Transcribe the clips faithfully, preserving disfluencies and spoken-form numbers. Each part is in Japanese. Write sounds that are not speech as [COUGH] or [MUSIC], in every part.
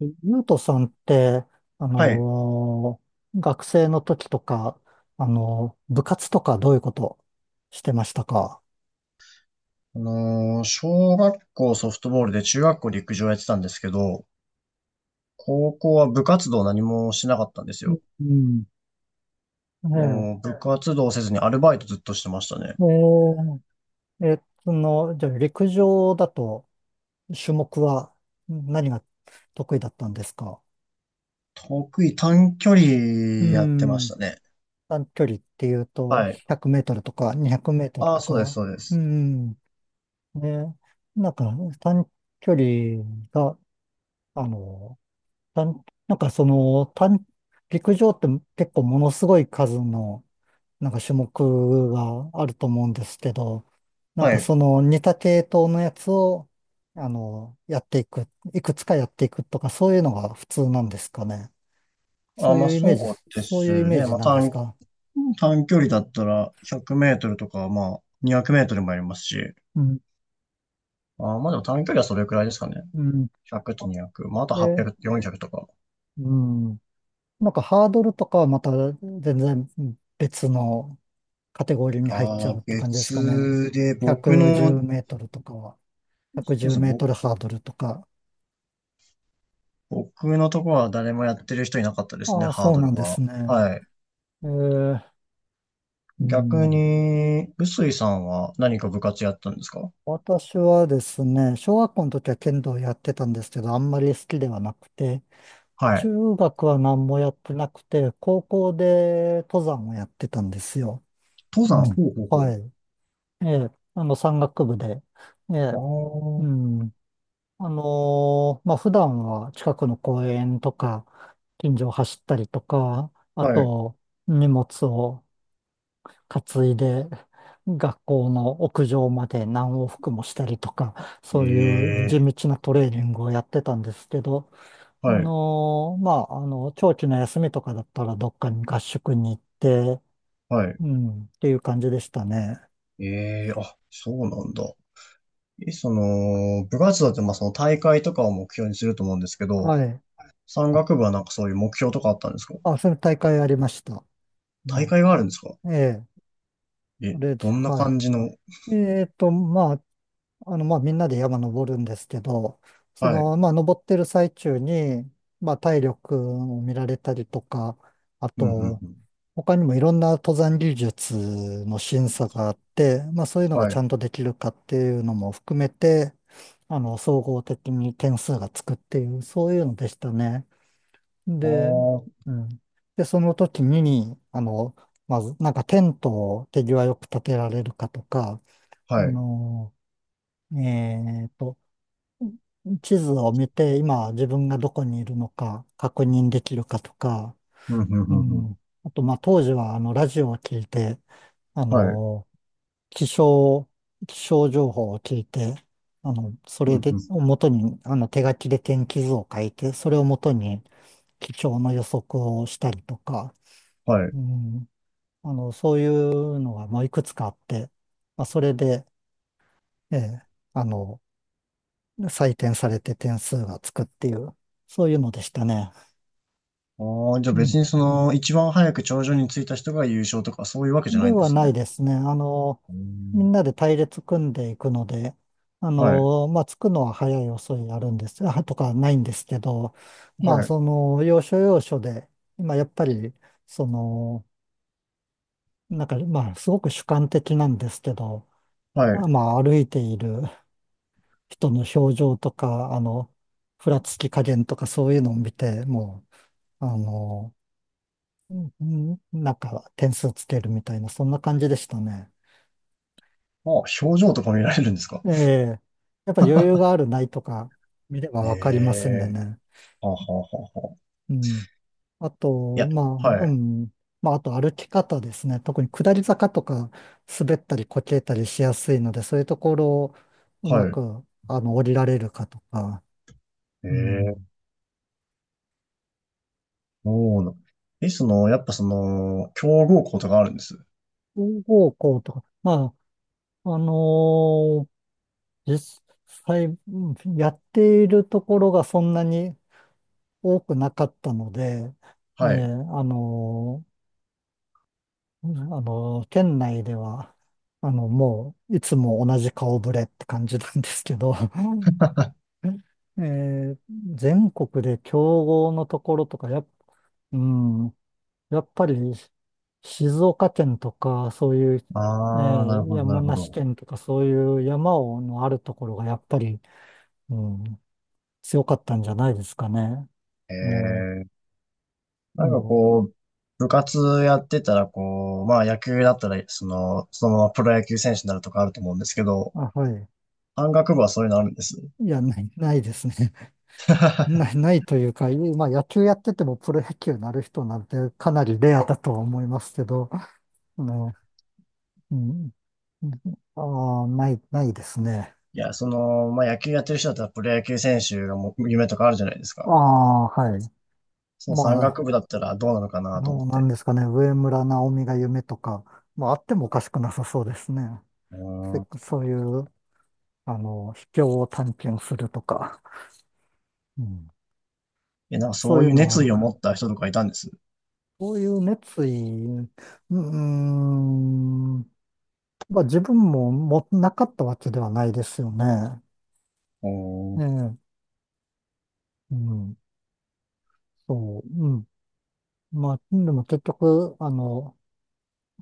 ゆうとさんって、あはい。のー学生の時とか、あのー部活とかどういうことしてましたか？あのー小学校ソフトボールで中学校陸上やってたんですけど、高校は部活動何もしなかったんですうよ。ん。ね。もう部活動せずにアルバイトずっとしてましたね。ええー。えーその、じゃあ陸上だと種目は何が得意だったんですか？得意短距う離やってましん。たね。短距離っていうと、はい。ひゃくメートルとかにひゃくメートルああ、とそうです、か？そうでうす。ん。ね、なんか短距離が、あのたんなんかその、単陸上って結構ものすごい数の、なんか種目があると思うんですけど、なんはかい。その似た系統のやつを、あの、やっていく、いくつかやっていくとか、そういうのが普通なんですかね？そあうまいあうイメージ、そうでそうすいうイメーね。ジまあなんです短、か？短距離だったらひゃくメートルとか、まあにひゃくメートルもやりますし。うん、あまあでも短距離はそれくらいですかね。うん。ひゃくとにひゃく。まああとえ、はっぴゃく、よんひゃくとか。うん。なんかハードルとかはまた全然別のカテゴリーに入っちあゃあ、うって感じですかね？別で、110僕メの、ーそトルとかは。う110メでーすね、トぼルハードルとか。僕のところは誰もやってる人いなかったですね、ああ、ハーそうドなんルですは。ね。はい。えー、う逆ん。に、臼井さんは何か部活やったんですか？私はですね、小学校の時は剣道やってたんですけど、あんまり好きではなくて、はい。中学は何もやってなくて、高校で登山をやってたんですよ。登う山、ん。ほうほはうい。ええ、あの、山岳部で。ええ、うほう。ん。あのーまあ、普段は近くの公園とか、近所を走ったりとか、あああ、はい。と、荷物を担いで学校の屋上まで何往復もしたりとか、えそういう地え、道なトレーニングをやってたんですけど、あはい、のーまあ、あの、長期の休みとかだったらどっかに合宿に行って、はい。うん、っていう感じでしたね。ええ、あ、そうなんだ。え、その、部活動って、まあ、その大会とかを目標にすると思うんですけはど、い。山岳部はなんかそういう目標とかあったんですか？あ、それ大会ありました。大ね。会があるんですか？ええ。そえ、れで、どんなはい。感じの、えっと、まあ、あの、まあ、みんなで山登るんですけど、そはい。の、まあ、登ってる最中に、まあ、体力を見られたりとか、あうんうんと、うん。他にもいろんな登山技術の審査があって、まあ、そういうのがはちゃい。んとできるかっていうのも含めて、あの、総合的に点数がつくっていう、そういうのでしたね。あで、あ、うん。で、その時に、あの、まず、なんかテントを手際よく立てられるかとか、あはい。の、えーと、地図を見て、今自分がどこにいるのか確認できるかとか、うんうんううんうん。ん。あと、まあ、当時は、あの、ラジオを聞いて、あはい。の、気象、気象情報を聞いて、あの、そうれんうで、をん。元に、あの、手書きで天気図を書いて、それを元に気象の予測をしたりとか、はい。うん。あの、そういうのが、まあ、いくつかあって、まあ、それで、ええ、あの、採点されて点数がつくっていう、そういうのでしたね。ああ、じゃあうん。別にその、一番早く頂上に着いた人が優勝とかそういうわけじゃなでいんではすなね。いですね。あの、うみんんなで隊列組んでいくので、あはい。の、まあ、着くのは早い遅いあるんです、あ、とかないんですけど、はまあ、い。その、要所要所で、まあやっぱり、その、なんか、まあ、すごく主観的なんですけど、はあい。まあ、歩いている人の表情とか、あの、ふらつあ、き加減とかそういうのを見て、もう、あの、うんなんか点数つけるみたいな、そんな感じでしたね。表情とか見られるんですか？ええ、やっぱ余裕があるないとか見ればえわかりますんでえね。ーはあはあはあはあ。うん。あいと、や、まはあ、うい。ん。まあ、あと歩き方ですね。特に下り坂とか滑ったりこけたりしやすいので、そういうところをうまはい。く、あの、降りられるかとか、ええうん。ーそうな。え、その、やっぱその、強豪校とかあるんです。方向とか、まあ、あのー実際、うんやっているところがそんなに多くなかったので、ええ、はい。あのーうんあの、店内では、あの、もう、いつも同じ顔ぶれって感じなんですけど、うん。 [LAUGHS] えー全国で競合のところとか、やっ、うん、やっぱり、静岡県とか、そういう、えああ、なるーほど、な山るほ梨ど。県とか、そういう山をのあるところが、やっぱり、うん、強かったんじゃないですかね。もええう、なんかもこう、部活やってたらこう、まあ野球だったら、その、そのままプロ野球選手になるとかあると思うんですけど、う、あ、はい。山岳部はそういうのあるんです。いや、ない、ないですね。ない、ないというか、いまあ、野球やっててもプロ野球になる人なんてかなりレアだとは思いますけど、ね、うん、ああ、ない、ないですね。いや、その、まあ野球やってる人だったらプロ野球選手がもう夢とかあるじゃないですあか。あ、はい。その山ま岳部だったらどうなのかあ、なと思っのなんて。ですかね、上村直美が夢とか、まあ、あってもおかしくなさそうですね。せうん。そういう、あの、秘境を探検するとか、うん、え、なんかそそうういういうのはあ熱る意を持か。った人とかいたんです。そういう熱意、うーん、まあ、自分ももなかったわけではないですよね。うん。うええ、うん、そう、うん。まあ、でも結局、あの、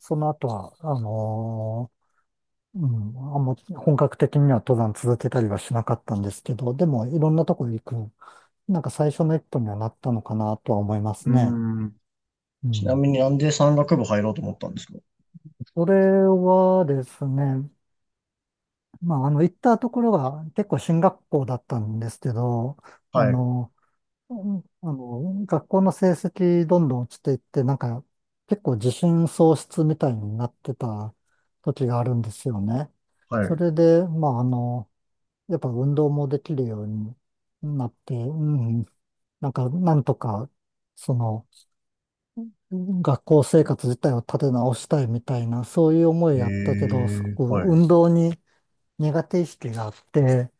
その後は、あのーうん、あんま本格的には登山続けたりはしなかったんですけど、でもいろんなとこ行く、なんか最初の一歩にはなったのかなとは思いますね。ん。うちなん。みになんで山岳部入ろうと思ったんですか？それはですね、まあ、あの、行ったところが結構進学校だったんですけど、あはい、の、うんあの、学校の成績どんどん落ちていって、なんか結構自信喪失みたいになってた時があるんですよね。はそい。れで、まああの、やっぱ運動もできるようになって、うん、なんかなんとか、その、学校生活自体を立て直したいみたいな、そういう思いえやったけど、すごー、くはい、運動に苦手意識があって、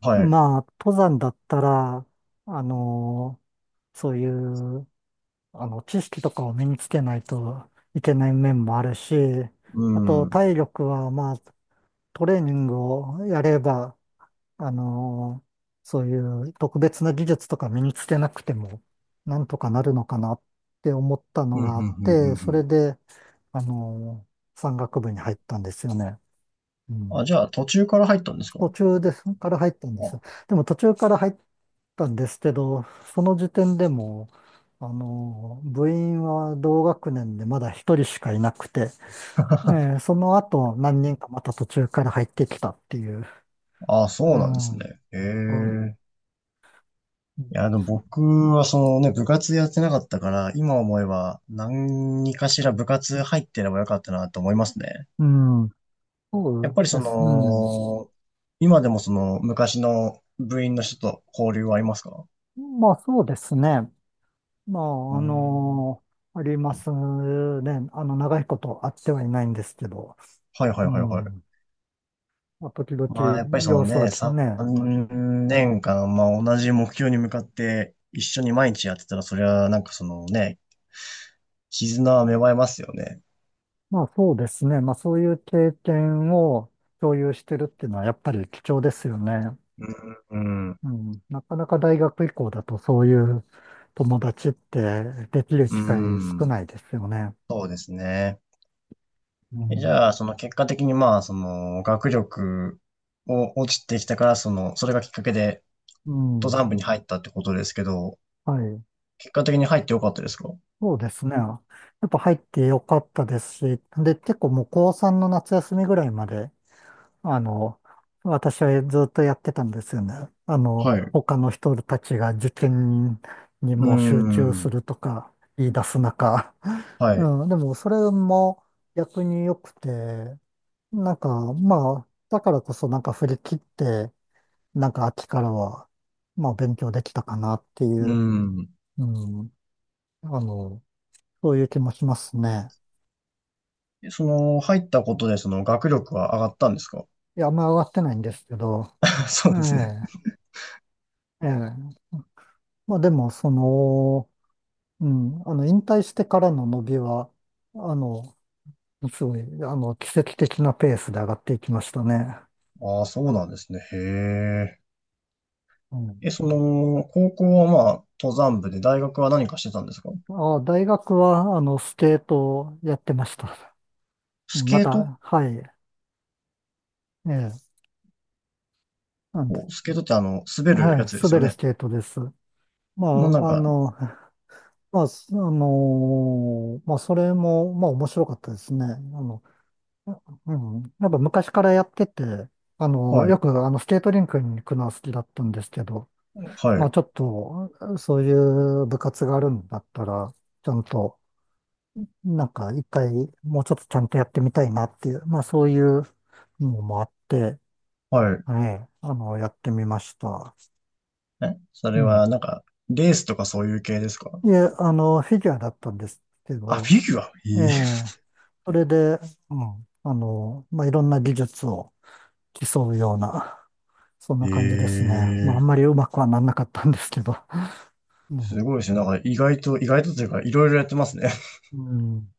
はい。まあ登山だったら、あの、そういう、あの、知識とかを身につけないといけない面もあるし、うあん。とうん、体力は、まあ、トレーニングをやれば、あの、そういう特別な技術とか身につけなくても、なんとかなるのかなって思ったのうがん、あうっん、うん、て、そうれんで、あの、山岳部に入ったんですよね。うあ、ん。じゃあ途中から入ったんですか？途中ですから入ったんですよ。でも途中から入ったんですけど、その時点でも、あの、部員は同学年でまだ一人しかいなくて、えーその後何人かまた途中から入ってきたっていう。あ、あ、うそうなんでん。すはね。い。へえ。ういん、や、でも僕はそのね、部活やってなかったから、今思えば何かしら部活入ってればよかったなと思いますね。うん、そやっうぱりそです。うん。の、今でもその昔の部員の人と交流はありますか？まあそうですね。まうあ、あん。のありますね。あの、長いこと会ってはいないんですけど。はいはいうはいはい。ん。まあ、時まあやっぱり々その様子はね、きね。さんねんかん、まあ同じ目標に向かって一緒に毎日やってたら、それはなんかそのね、絆は芽生えますよね。まあそうですね。まあそういう経験を共有してるっていうのはやっぱり貴重ですよね。うん、うん、うん。なかなか大学以降だとそういう友達ってできるう機会少んないですよね。そうですね。うえじん。ゃあ、その結果的にまあ、その学力を落ちてきたから、その、それがきっかけでう登ん。山部に入ったってことですけど、はい。結果的に入ってよかったですか？そうですね。やっぱ入ってよかったですし、で、結構もう高こうさんの夏休みぐらいまであの、私はずっとやってたんですよね。あの、はい。他の人たちが受験にうもう集中すん、るとか言い出す中。は [LAUGHS] い。うん、でもそれも逆に良くて、なんかまあ、だからこそなんか振り切って、なんか秋からは、まあ勉強できたかなっていうう、ん。うん、あの、そういう気もしますね。えその、入ったことで、その、学力は上がったんですか？ いや、あんま上がってないんですけど、[LAUGHS] そえうですね。え、ええ。まあでも、その、うん、あの、引退してからの伸びは、あの、すごい、あの、奇跡的なペースで上がっていきましたね。ああ、そうなんですね。へえ。うん。え、その、高校はまあ、登山部で、大学は何かしてたんですか？あ、大学は、あの、スケートをやってました。スまケート。た、はい。ええ、なんで、おスケートってあの、滑るやはい、つです滑よるスね。ケートです。まのなんあ、あか、の、まあ、すあのーまあ、それも、まあ、面白かったですね。あの、うん。やっぱ昔からやってて、あの、はよい、く、あの、スケートリンクに行くのは好きだったんですけど、はまあい、ちょっと、そういう部活があるんだったら、ちゃんと、なんか一回、もうちょっとちゃんとやってみたいなっていう、まあそういうのもあって、はい。はい、あの、やってみました。え、そうれん。はなんか、レースとかそういう系ですか？で、あの、フィギュアだったんですけあ、ど、フィギュアええ、それで、うん、あの、まあいろんな技術を競うような、そんなえ感じですえ。ね。まああんまりーうまくはなんなかったんですけど。[LAUGHS] うすん。ごいですね。なんか意外と、意外とというか、いろいろやってますね。うん